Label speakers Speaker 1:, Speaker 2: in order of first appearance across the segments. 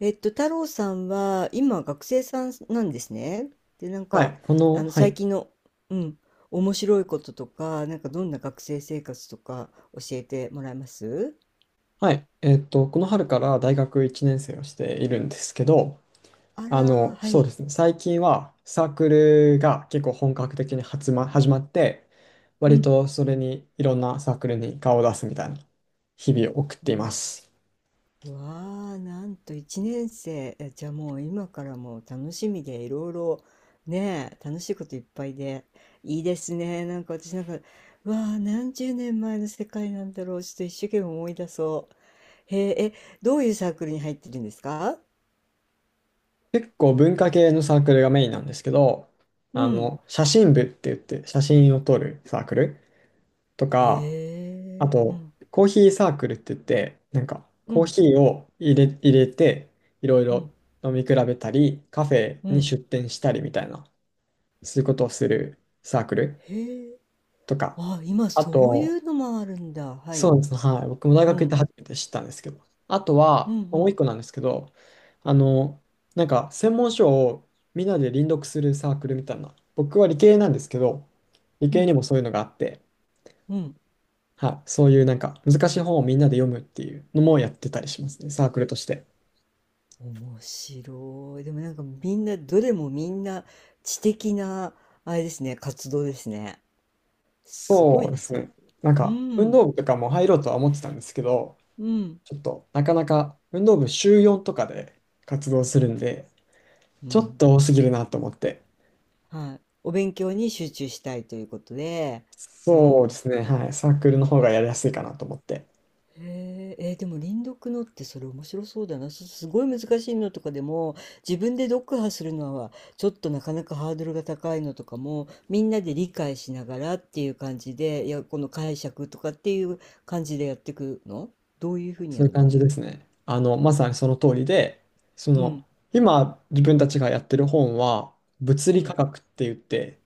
Speaker 1: 太郎さんは今学生さんなんですね。で、
Speaker 2: はい、は
Speaker 1: 最
Speaker 2: い、
Speaker 1: 近の、うん、面白いこととか、なんかどんな学生生活とか教えてもらえます？
Speaker 2: はい、この春から大学1年生をしているんですけど、
Speaker 1: あらー、は
Speaker 2: そう
Speaker 1: い。
Speaker 2: ですね、最近はサークルが結構本格的に始まって、
Speaker 1: う
Speaker 2: 割
Speaker 1: ん。
Speaker 2: とそれにいろんなサークルに顔を出すみたいな日々を送っていま
Speaker 1: わ、
Speaker 2: す。
Speaker 1: わあ、なんと1年生。えじゃあもう今からもう楽しみでいろいろ、ねえ、楽しいこといっぱいで。いいですね。なんか私なんか、わあ、何十年前の世界なんだろう。ちょっと一生懸命思い出そう。へえ、え、どういうサークルに入ってるんですか？
Speaker 2: 結構文化系のサークルがメインなんですけど、
Speaker 1: うん。
Speaker 2: 写真部って言って写真を撮るサークルと
Speaker 1: へ
Speaker 2: か、あ
Speaker 1: え、う
Speaker 2: と、
Speaker 1: ん、
Speaker 2: コーヒーサークルって言って、なんか、
Speaker 1: う
Speaker 2: コー
Speaker 1: ん、
Speaker 2: ヒーを入れて、いろい
Speaker 1: う
Speaker 2: ろ
Speaker 1: ん、
Speaker 2: 飲み比べたり、カフェ
Speaker 1: う
Speaker 2: に
Speaker 1: ん。
Speaker 2: 出店したりみたいな、そういうことをするサークル
Speaker 1: へえ、
Speaker 2: とか、
Speaker 1: あ、今
Speaker 2: あ
Speaker 1: そうい
Speaker 2: と、
Speaker 1: うのもあるんだ。は
Speaker 2: そう
Speaker 1: い。
Speaker 2: ですね、はい、僕も大
Speaker 1: う
Speaker 2: 学行って
Speaker 1: ん、
Speaker 2: 初めて知ったんですけど、あと
Speaker 1: うん、
Speaker 2: は、
Speaker 1: う
Speaker 2: もう
Speaker 1: ん、
Speaker 2: 一個なんですけど、あの、専門書をみんなで輪読するサークルみたいな、僕は理系なんですけど、理
Speaker 1: う
Speaker 2: 系に
Speaker 1: ん、
Speaker 2: もそういうのがあって、
Speaker 1: うん。
Speaker 2: はい、そういうなんか難しい本をみんなで読むっていうのもやってたりしますね、サークルとして。
Speaker 1: 面白い。でもなんかみんな、どれもみんな知的な、あれですね、活動ですね。すご
Speaker 2: そ
Speaker 1: い
Speaker 2: うで
Speaker 1: な、
Speaker 2: す
Speaker 1: それ。
Speaker 2: ね。なん
Speaker 1: う
Speaker 2: か運
Speaker 1: ん、
Speaker 2: 動部とかも入ろうとは思ってたんですけど、
Speaker 1: うん、
Speaker 2: ちょっとなかなか運動部週4とかで活動するんで、
Speaker 1: う
Speaker 2: ちょっ
Speaker 1: ん。
Speaker 2: と多すぎるなと思って。
Speaker 1: はい。お勉強に集中したいということで、う
Speaker 2: そうで
Speaker 1: ん。
Speaker 2: すね。はい。サークルの方がやりやすいかなと思って。
Speaker 1: へえ、えーでも輪読のってそれ面白そうだな。すごい難しいのとかでも自分で読破するのはちょっとなかなかハードルが高いのとかもみんなで理解しながらっていう感じで、いや、この解釈とかっていう感じでやってくの？どういうふうに
Speaker 2: そ
Speaker 1: や
Speaker 2: ういう
Speaker 1: る
Speaker 2: 感
Speaker 1: の？
Speaker 2: じですね。まさにその通りで、そ
Speaker 1: う
Speaker 2: の、
Speaker 1: ん、
Speaker 2: 今自分たちがやってる本は、物
Speaker 1: う
Speaker 2: 理科
Speaker 1: ん。
Speaker 2: 学って言って、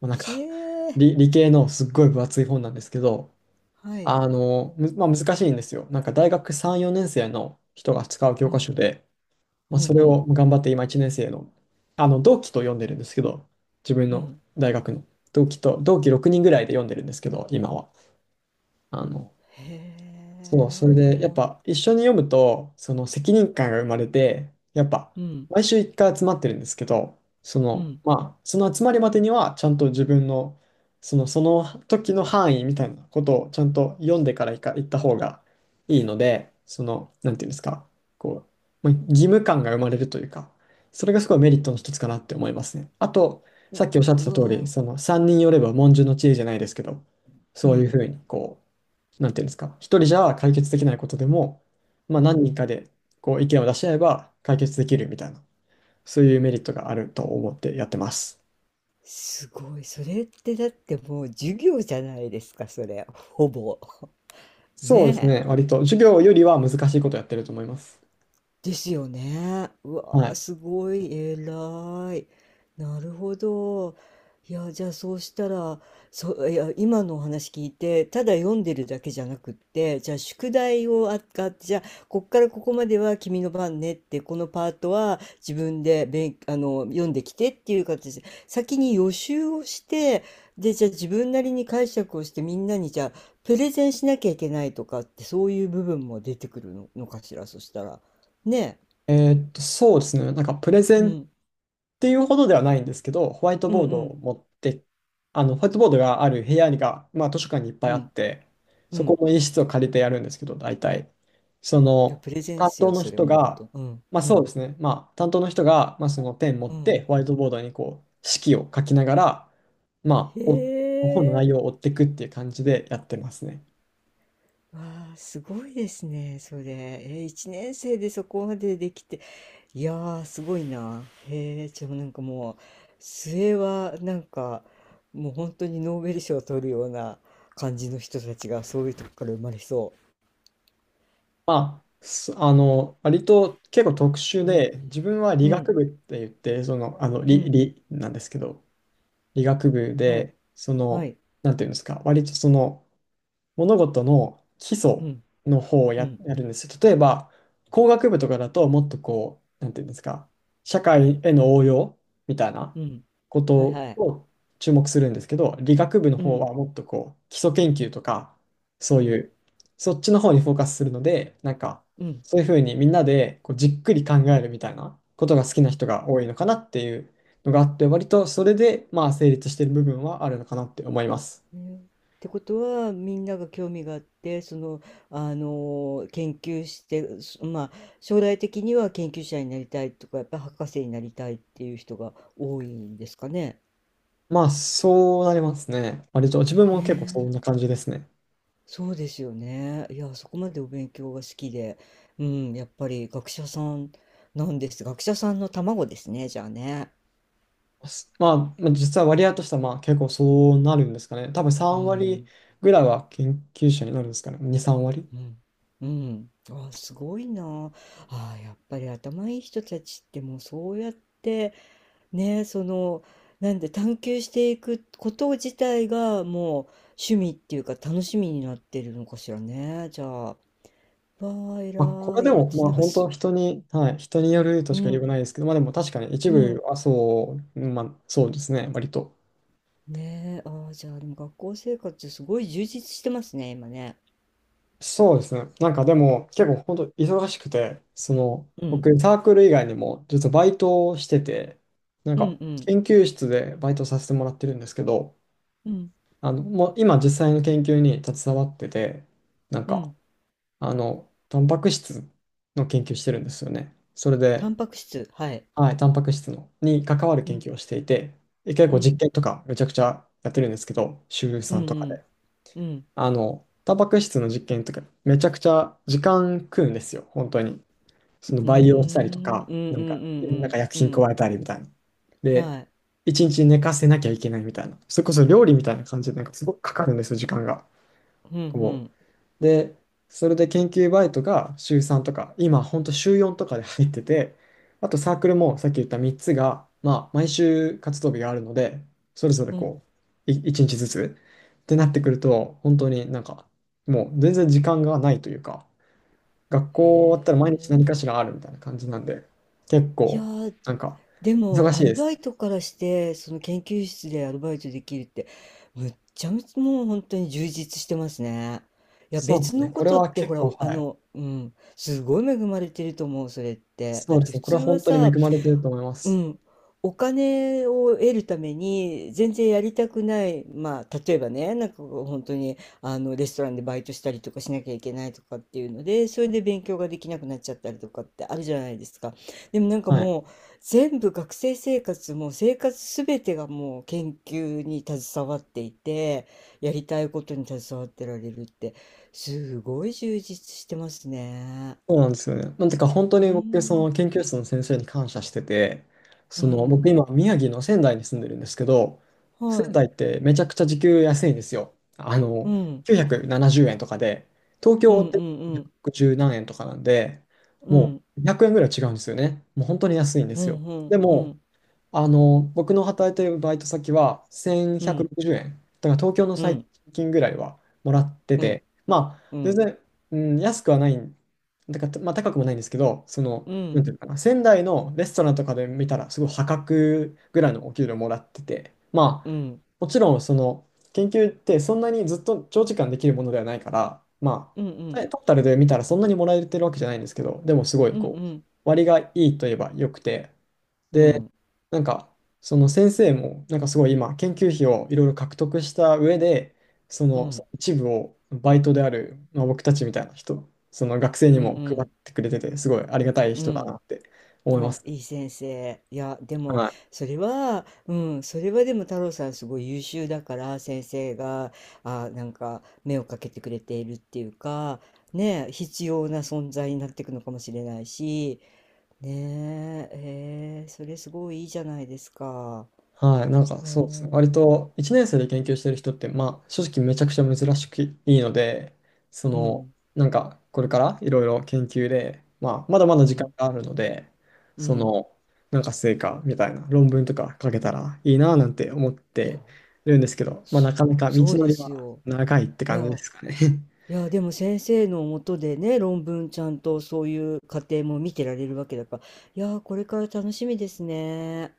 Speaker 2: まあ、なんか
Speaker 1: ひえー、
Speaker 2: 理系のすっごい分厚い本なんですけど、
Speaker 1: はい。
Speaker 2: あの、むまあ、難しいんですよ。なんか大学3、4年生の人が使う教
Speaker 1: う
Speaker 2: 科
Speaker 1: ん、
Speaker 2: 書で、ま
Speaker 1: う
Speaker 2: あ、
Speaker 1: ん、う
Speaker 2: それ
Speaker 1: ん、
Speaker 2: を頑張って今1年生の、同期と読んでるんですけど、自分
Speaker 1: う
Speaker 2: の
Speaker 1: ん。
Speaker 2: 大学の同期6人ぐらいで読んでるんですけど、今は。あの、
Speaker 1: へ
Speaker 2: そう、それ
Speaker 1: え、
Speaker 2: で、
Speaker 1: お
Speaker 2: やっ
Speaker 1: もし、
Speaker 2: ぱ一緒に読むと、その責任感が生まれて、やっぱ
Speaker 1: うん、
Speaker 2: 毎週一回集まってるんですけど、そ
Speaker 1: う
Speaker 2: の、
Speaker 1: ん。
Speaker 2: まあ、その集まりまでには、ちゃんと自分の、その、その時の範囲みたいなことをちゃんと読んでから行った方がいいので、その、なんていうんですか、こう、まあ、義務感が生まれるというか、それがすごいメリットの一つかなって思いますね。あと、さっきおっしゃってた
Speaker 1: う
Speaker 2: 通り、
Speaker 1: わ
Speaker 2: その3人寄れば文殊の知恵じゃないですけど、
Speaker 1: ー、う
Speaker 2: そういうふ
Speaker 1: ん、
Speaker 2: うにこう、なんていうんですか、一人じゃ解決できないことでも、まあ、
Speaker 1: う
Speaker 2: 何
Speaker 1: ん。
Speaker 2: 人かでこう意見を出し合えば解決できるみたいな、そういうメリットがあると思ってやってます。
Speaker 1: すごい。それってだってもう授業じゃないですか、それ。ほぼ。
Speaker 2: そうです
Speaker 1: ね
Speaker 2: ね、割と授業よりは難しいことやってると思います。
Speaker 1: ですよね。う
Speaker 2: は
Speaker 1: わー、
Speaker 2: い。
Speaker 1: すごい偉い。なるほど。いや、じゃあそうしたら、そう、いや、今のお話聞いて、ただ読んでるだけじゃなくって、じゃあ宿題をあがあって、じゃあ、こっからここまでは君の番ねって、このパートは自分で勉、あの、読んできてっていう形で、先に予習をして、で、じゃあ自分なりに解釈をしてみんなにじゃあ、プレゼンしなきゃいけないとかって、そういう部分も出てくるの、のかしら、そしたら。ね
Speaker 2: そうですね、なんかプレゼ
Speaker 1: え、う
Speaker 2: ンっ
Speaker 1: ん、
Speaker 2: ていうほどではないんですけど、ホワイト
Speaker 1: うん
Speaker 2: ボー
Speaker 1: う
Speaker 2: ドを
Speaker 1: ん
Speaker 2: 持って、ホワイトボードがある部屋が、まあ、図書館にいっぱい
Speaker 1: う
Speaker 2: あっ
Speaker 1: ん
Speaker 2: て、
Speaker 1: う
Speaker 2: そこ
Speaker 1: ん、
Speaker 2: の一室を借りてやるんですけど、大体、そ
Speaker 1: いや
Speaker 2: の、
Speaker 1: プレゼン
Speaker 2: 担
Speaker 1: スよ
Speaker 2: 当
Speaker 1: う
Speaker 2: の
Speaker 1: それ
Speaker 2: 人
Speaker 1: もうほと
Speaker 2: が、
Speaker 1: んどうん
Speaker 2: まあ
Speaker 1: う
Speaker 2: そう
Speaker 1: ん
Speaker 2: ですね、まあ、担当の人が、まあ、そのペン持っ
Speaker 1: うん、
Speaker 2: て、ホワイトボードにこう、式を書きながら、
Speaker 1: へ
Speaker 2: まあ、本の
Speaker 1: え、
Speaker 2: 内容を追っていくっていう感じでやってますね。
Speaker 1: わあすごいですねそれ、え1年生でそこまでできて、いやーすごいな。へえ、じゃあなんかもう末はなんかもう本当にノーベル賞を取るような感じの人たちがそういうとこから生まれそ
Speaker 2: まあ、すあの、割と結構特殊
Speaker 1: う。うん
Speaker 2: で、自分は
Speaker 1: う
Speaker 2: 理
Speaker 1: ん
Speaker 2: 学部って言って、その、あの、
Speaker 1: う
Speaker 2: 理、
Speaker 1: ん、
Speaker 2: 理なんですけど、理学部
Speaker 1: はい
Speaker 2: で、そ
Speaker 1: は
Speaker 2: の、
Speaker 1: い、
Speaker 2: なんていうんですか、割とその、物事の基
Speaker 1: う
Speaker 2: 礎
Speaker 1: ん
Speaker 2: の方を
Speaker 1: う
Speaker 2: や、
Speaker 1: ん
Speaker 2: やるんですよ。例えば、工学部とかだともっとこう、なんていうんですか、社会への応用みたいな
Speaker 1: うん、
Speaker 2: こと
Speaker 1: はいはい、
Speaker 2: を注目するんですけど、理学部の
Speaker 1: う
Speaker 2: 方
Speaker 1: ん
Speaker 2: はもっとこう、基礎研究とか、そう
Speaker 1: う
Speaker 2: い
Speaker 1: ん
Speaker 2: う、そっちの方にフォーカスするので、なんか、
Speaker 1: うん、
Speaker 2: そういうふうにみんなでこうじっくり考えるみたいなことが好きな人が多いのかなっていうのがあって、割とそれでまあ成立している部分はあるのかなって思います。
Speaker 1: ねってことはみんなが興味があってその、あの研究してそまあ将来的には研究者になりたいとかやっぱり博士になりたいっていう人が多いんですかね。
Speaker 2: まあ、そうなりますね。割と、自分も
Speaker 1: ね
Speaker 2: 結構そんな
Speaker 1: え、
Speaker 2: 感じですね。
Speaker 1: そうですよね。いやそこまでお勉強が好きで、うん、やっぱり学者さんなんです。学者さんの卵ですねじゃあね。
Speaker 2: すまあ、まあ実は割合としては、まあ、結構そうなるんですかね。多分
Speaker 1: う
Speaker 2: 3割
Speaker 1: ん
Speaker 2: ぐらいは研究者になるんですかね。2、3割。
Speaker 1: うんうん、あすごいな、あやっぱり頭いい人たちってもうそうやって。ねえ、その、なんで探求していくこと自体がもう趣味っていうか楽しみになってるのかしらね。じゃあ、わあ、
Speaker 2: まあ、これ
Speaker 1: 偉
Speaker 2: で
Speaker 1: い。
Speaker 2: も、
Speaker 1: 私
Speaker 2: ま
Speaker 1: な
Speaker 2: あ、
Speaker 1: んか
Speaker 2: 本当
Speaker 1: す、
Speaker 2: 人に、はい、人によると
Speaker 1: う
Speaker 2: しか言えうが
Speaker 1: ん、
Speaker 2: ないですけど、まあ、でも確かに一
Speaker 1: う
Speaker 2: 部
Speaker 1: ん。
Speaker 2: はそう、まあ、そうですね、割と。
Speaker 1: ねえ、ああ、じゃあ、でも学校生活すごい充実してますね、今ね。
Speaker 2: そうですね。なんかでも、結構本当忙しくて、その、
Speaker 1: うん、
Speaker 2: 僕、サークル以外にも、実はバイトをしてて、なん
Speaker 1: う
Speaker 2: か、
Speaker 1: ん、うん、
Speaker 2: 研究室でバイトさせてもらってるんですけど、
Speaker 1: うん、
Speaker 2: もう今実際の研究に携わってて、なん
Speaker 1: う
Speaker 2: か、
Speaker 1: ん。
Speaker 2: タンパク質の研究してるんですよね。それ
Speaker 1: タ
Speaker 2: で、
Speaker 1: ンパク質、はい。
Speaker 2: はい、タンパク質のに関わる
Speaker 1: う
Speaker 2: 研
Speaker 1: ん、
Speaker 2: 究をしていて、で結
Speaker 1: う
Speaker 2: 構
Speaker 1: ん、
Speaker 2: 実験とかめちゃくちゃやってるんですけど、週
Speaker 1: う
Speaker 2: さ
Speaker 1: ん、う
Speaker 2: んとかで。
Speaker 1: ん、うん。
Speaker 2: タンパク質の実験とかめちゃくちゃ時間食うんですよ、本当に。その
Speaker 1: うー
Speaker 2: 培養したりと
Speaker 1: ん、うん、
Speaker 2: か、
Speaker 1: うん、
Speaker 2: なんか、
Speaker 1: う
Speaker 2: なん
Speaker 1: ん、
Speaker 2: か薬
Speaker 1: うん、う
Speaker 2: 品
Speaker 1: ん。
Speaker 2: 加えたりみたいな。で、
Speaker 1: はい。
Speaker 2: 一日寝かせなきゃいけないみたいな。それこそ料理みたいな感じで、なんかすごくかかるんですよ、時間が。
Speaker 1: うん、う
Speaker 2: こ
Speaker 1: ん、
Speaker 2: う。で、それで研究バイトが週3とか、今ほんと週4とかで入ってて、あとサークルもさっき言った3つが、まあ毎週活動日があるので、それぞれ
Speaker 1: うん。
Speaker 2: こう、1日ずつってなってくると、本当になんか、もう全然時間がないというか、学校終わっ
Speaker 1: へ
Speaker 2: たら毎日何か
Speaker 1: え。
Speaker 2: しらあるみたいな感じなんで、結
Speaker 1: いや
Speaker 2: 構、
Speaker 1: ー、
Speaker 2: なんか、
Speaker 1: でも、
Speaker 2: 忙し
Speaker 1: ア
Speaker 2: い
Speaker 1: ル
Speaker 2: です
Speaker 1: バ
Speaker 2: ね。
Speaker 1: イトからして、その研究室でアルバイトできるって、むっちゃむちゃもう本当に充実してますね。いや、
Speaker 2: そうで
Speaker 1: 別
Speaker 2: す
Speaker 1: の
Speaker 2: ね。
Speaker 1: こ
Speaker 2: これ
Speaker 1: とっ
Speaker 2: は
Speaker 1: て、ほ
Speaker 2: 結
Speaker 1: ら、
Speaker 2: 構、
Speaker 1: あ
Speaker 2: はい。
Speaker 1: の、うん、すごい恵まれてると思う、それって。
Speaker 2: そ
Speaker 1: だっ
Speaker 2: うで
Speaker 1: て
Speaker 2: す
Speaker 1: 普
Speaker 2: ね。これ
Speaker 1: 通
Speaker 2: は
Speaker 1: は
Speaker 2: 本当に恵
Speaker 1: さ、
Speaker 2: まれてると思いま
Speaker 1: う
Speaker 2: す。
Speaker 1: ん。お金を得るために、全然やりたくない、まあ、例えばね、なんかこう本当に、あの、レストランでバイトしたりとかしなきゃいけないとかっていうので、それで勉強ができなくなっちゃったりとかってあるじゃないですか。でもなんか
Speaker 2: はい。
Speaker 1: もう、全部学生生活、も生活すべてがもう研究に携わっていて、やりたいことに携わってられるって、すごい充実してますね。
Speaker 2: そうなんですよね。なんてか本当
Speaker 1: う
Speaker 2: に僕、そ
Speaker 1: ん。
Speaker 2: の研究室の先生に感謝してて、
Speaker 1: う
Speaker 2: その僕
Speaker 1: ん。
Speaker 2: 今宮城の仙台に住んでるんですけど、仙
Speaker 1: はい。
Speaker 2: 台ってめちゃくちゃ時給安いんですよ。
Speaker 1: うん。
Speaker 2: 970円とかで、東
Speaker 1: う
Speaker 2: 京っ
Speaker 1: ん
Speaker 2: て
Speaker 1: うんうん
Speaker 2: 110何円とかなんで、
Speaker 1: う
Speaker 2: も
Speaker 1: ん
Speaker 2: う100円ぐらい違うんですよね。もう本当に安いんで
Speaker 1: う
Speaker 2: すよ。
Speaker 1: んう
Speaker 2: で
Speaker 1: んう
Speaker 2: も、
Speaker 1: ん
Speaker 2: 僕の働いてるバイト先は
Speaker 1: う
Speaker 2: 1160
Speaker 1: ん
Speaker 2: 円。だから東京の
Speaker 1: う
Speaker 2: 最低
Speaker 1: ん
Speaker 2: 賃金ぐらいはもらって
Speaker 1: うん
Speaker 2: て、まあ、
Speaker 1: う
Speaker 2: 全
Speaker 1: ん
Speaker 2: 然、うん、安くはないん、だから、まあ、高くもないんですけど、その、
Speaker 1: う
Speaker 2: なん
Speaker 1: ん
Speaker 2: ていうのかな、仙台のレストランとかで見たら、すごい破格ぐらいのお給料もらってて、まあ、
Speaker 1: うん
Speaker 2: もちろん、その、研究ってそんなにずっと長時間できるものではないから、ま
Speaker 1: う
Speaker 2: あ、
Speaker 1: ん
Speaker 2: トータルで見たらそんなにもらえてるわけじゃないんですけど、でもすご
Speaker 1: う
Speaker 2: い、
Speaker 1: ん
Speaker 2: こ
Speaker 1: う
Speaker 2: う、
Speaker 1: ん
Speaker 2: 割がいいといえば良くて、
Speaker 1: うん
Speaker 2: で、
Speaker 1: うん
Speaker 2: なんか、その先生も、なんかすごい今、研究費をいろいろ獲得した上で、そ
Speaker 1: う
Speaker 2: のそ
Speaker 1: ん
Speaker 2: の一部をバイトである、まあ、僕たちみたいな人、その学生
Speaker 1: う
Speaker 2: にも配っ
Speaker 1: ん、
Speaker 2: てくれてて、すごいありがたい人だなって思いま
Speaker 1: あ
Speaker 2: す。
Speaker 1: いい先生、いやで
Speaker 2: は
Speaker 1: も
Speaker 2: い
Speaker 1: それはうん、それはでも太郎さんすごい優秀だから先生があなんか目をかけてくれているっていうか、ね必要な存在になっていくのかもしれないし、ねえ、えーそれすごいいいじゃないですか。
Speaker 2: はい、なんか
Speaker 1: う
Speaker 2: そうですね。
Speaker 1: ん
Speaker 2: 割と1年生で研究してる人って、まあ正直めちゃくちゃ珍しくいいので、そ
Speaker 1: う
Speaker 2: の、
Speaker 1: ん、
Speaker 2: なんかこれからいろいろ研究で、まあまだまだ
Speaker 1: う
Speaker 2: 時間
Speaker 1: ん、
Speaker 2: があるので、
Speaker 1: う
Speaker 2: そ
Speaker 1: ん。
Speaker 2: の、なんか成果みたいな論文とか書けたらいいなぁなんて思っ
Speaker 1: いや、
Speaker 2: てるんですけど、まあ
Speaker 1: そ
Speaker 2: なかなか道
Speaker 1: そう
Speaker 2: の
Speaker 1: で
Speaker 2: り
Speaker 1: す
Speaker 2: は
Speaker 1: よ。
Speaker 2: 長いって
Speaker 1: い
Speaker 2: 感じで
Speaker 1: や、
Speaker 2: すかね。
Speaker 1: いや、でも先生のもとでね、論文ちゃんとそういう過程も見てられるわけだから、いや、これから楽しみですね。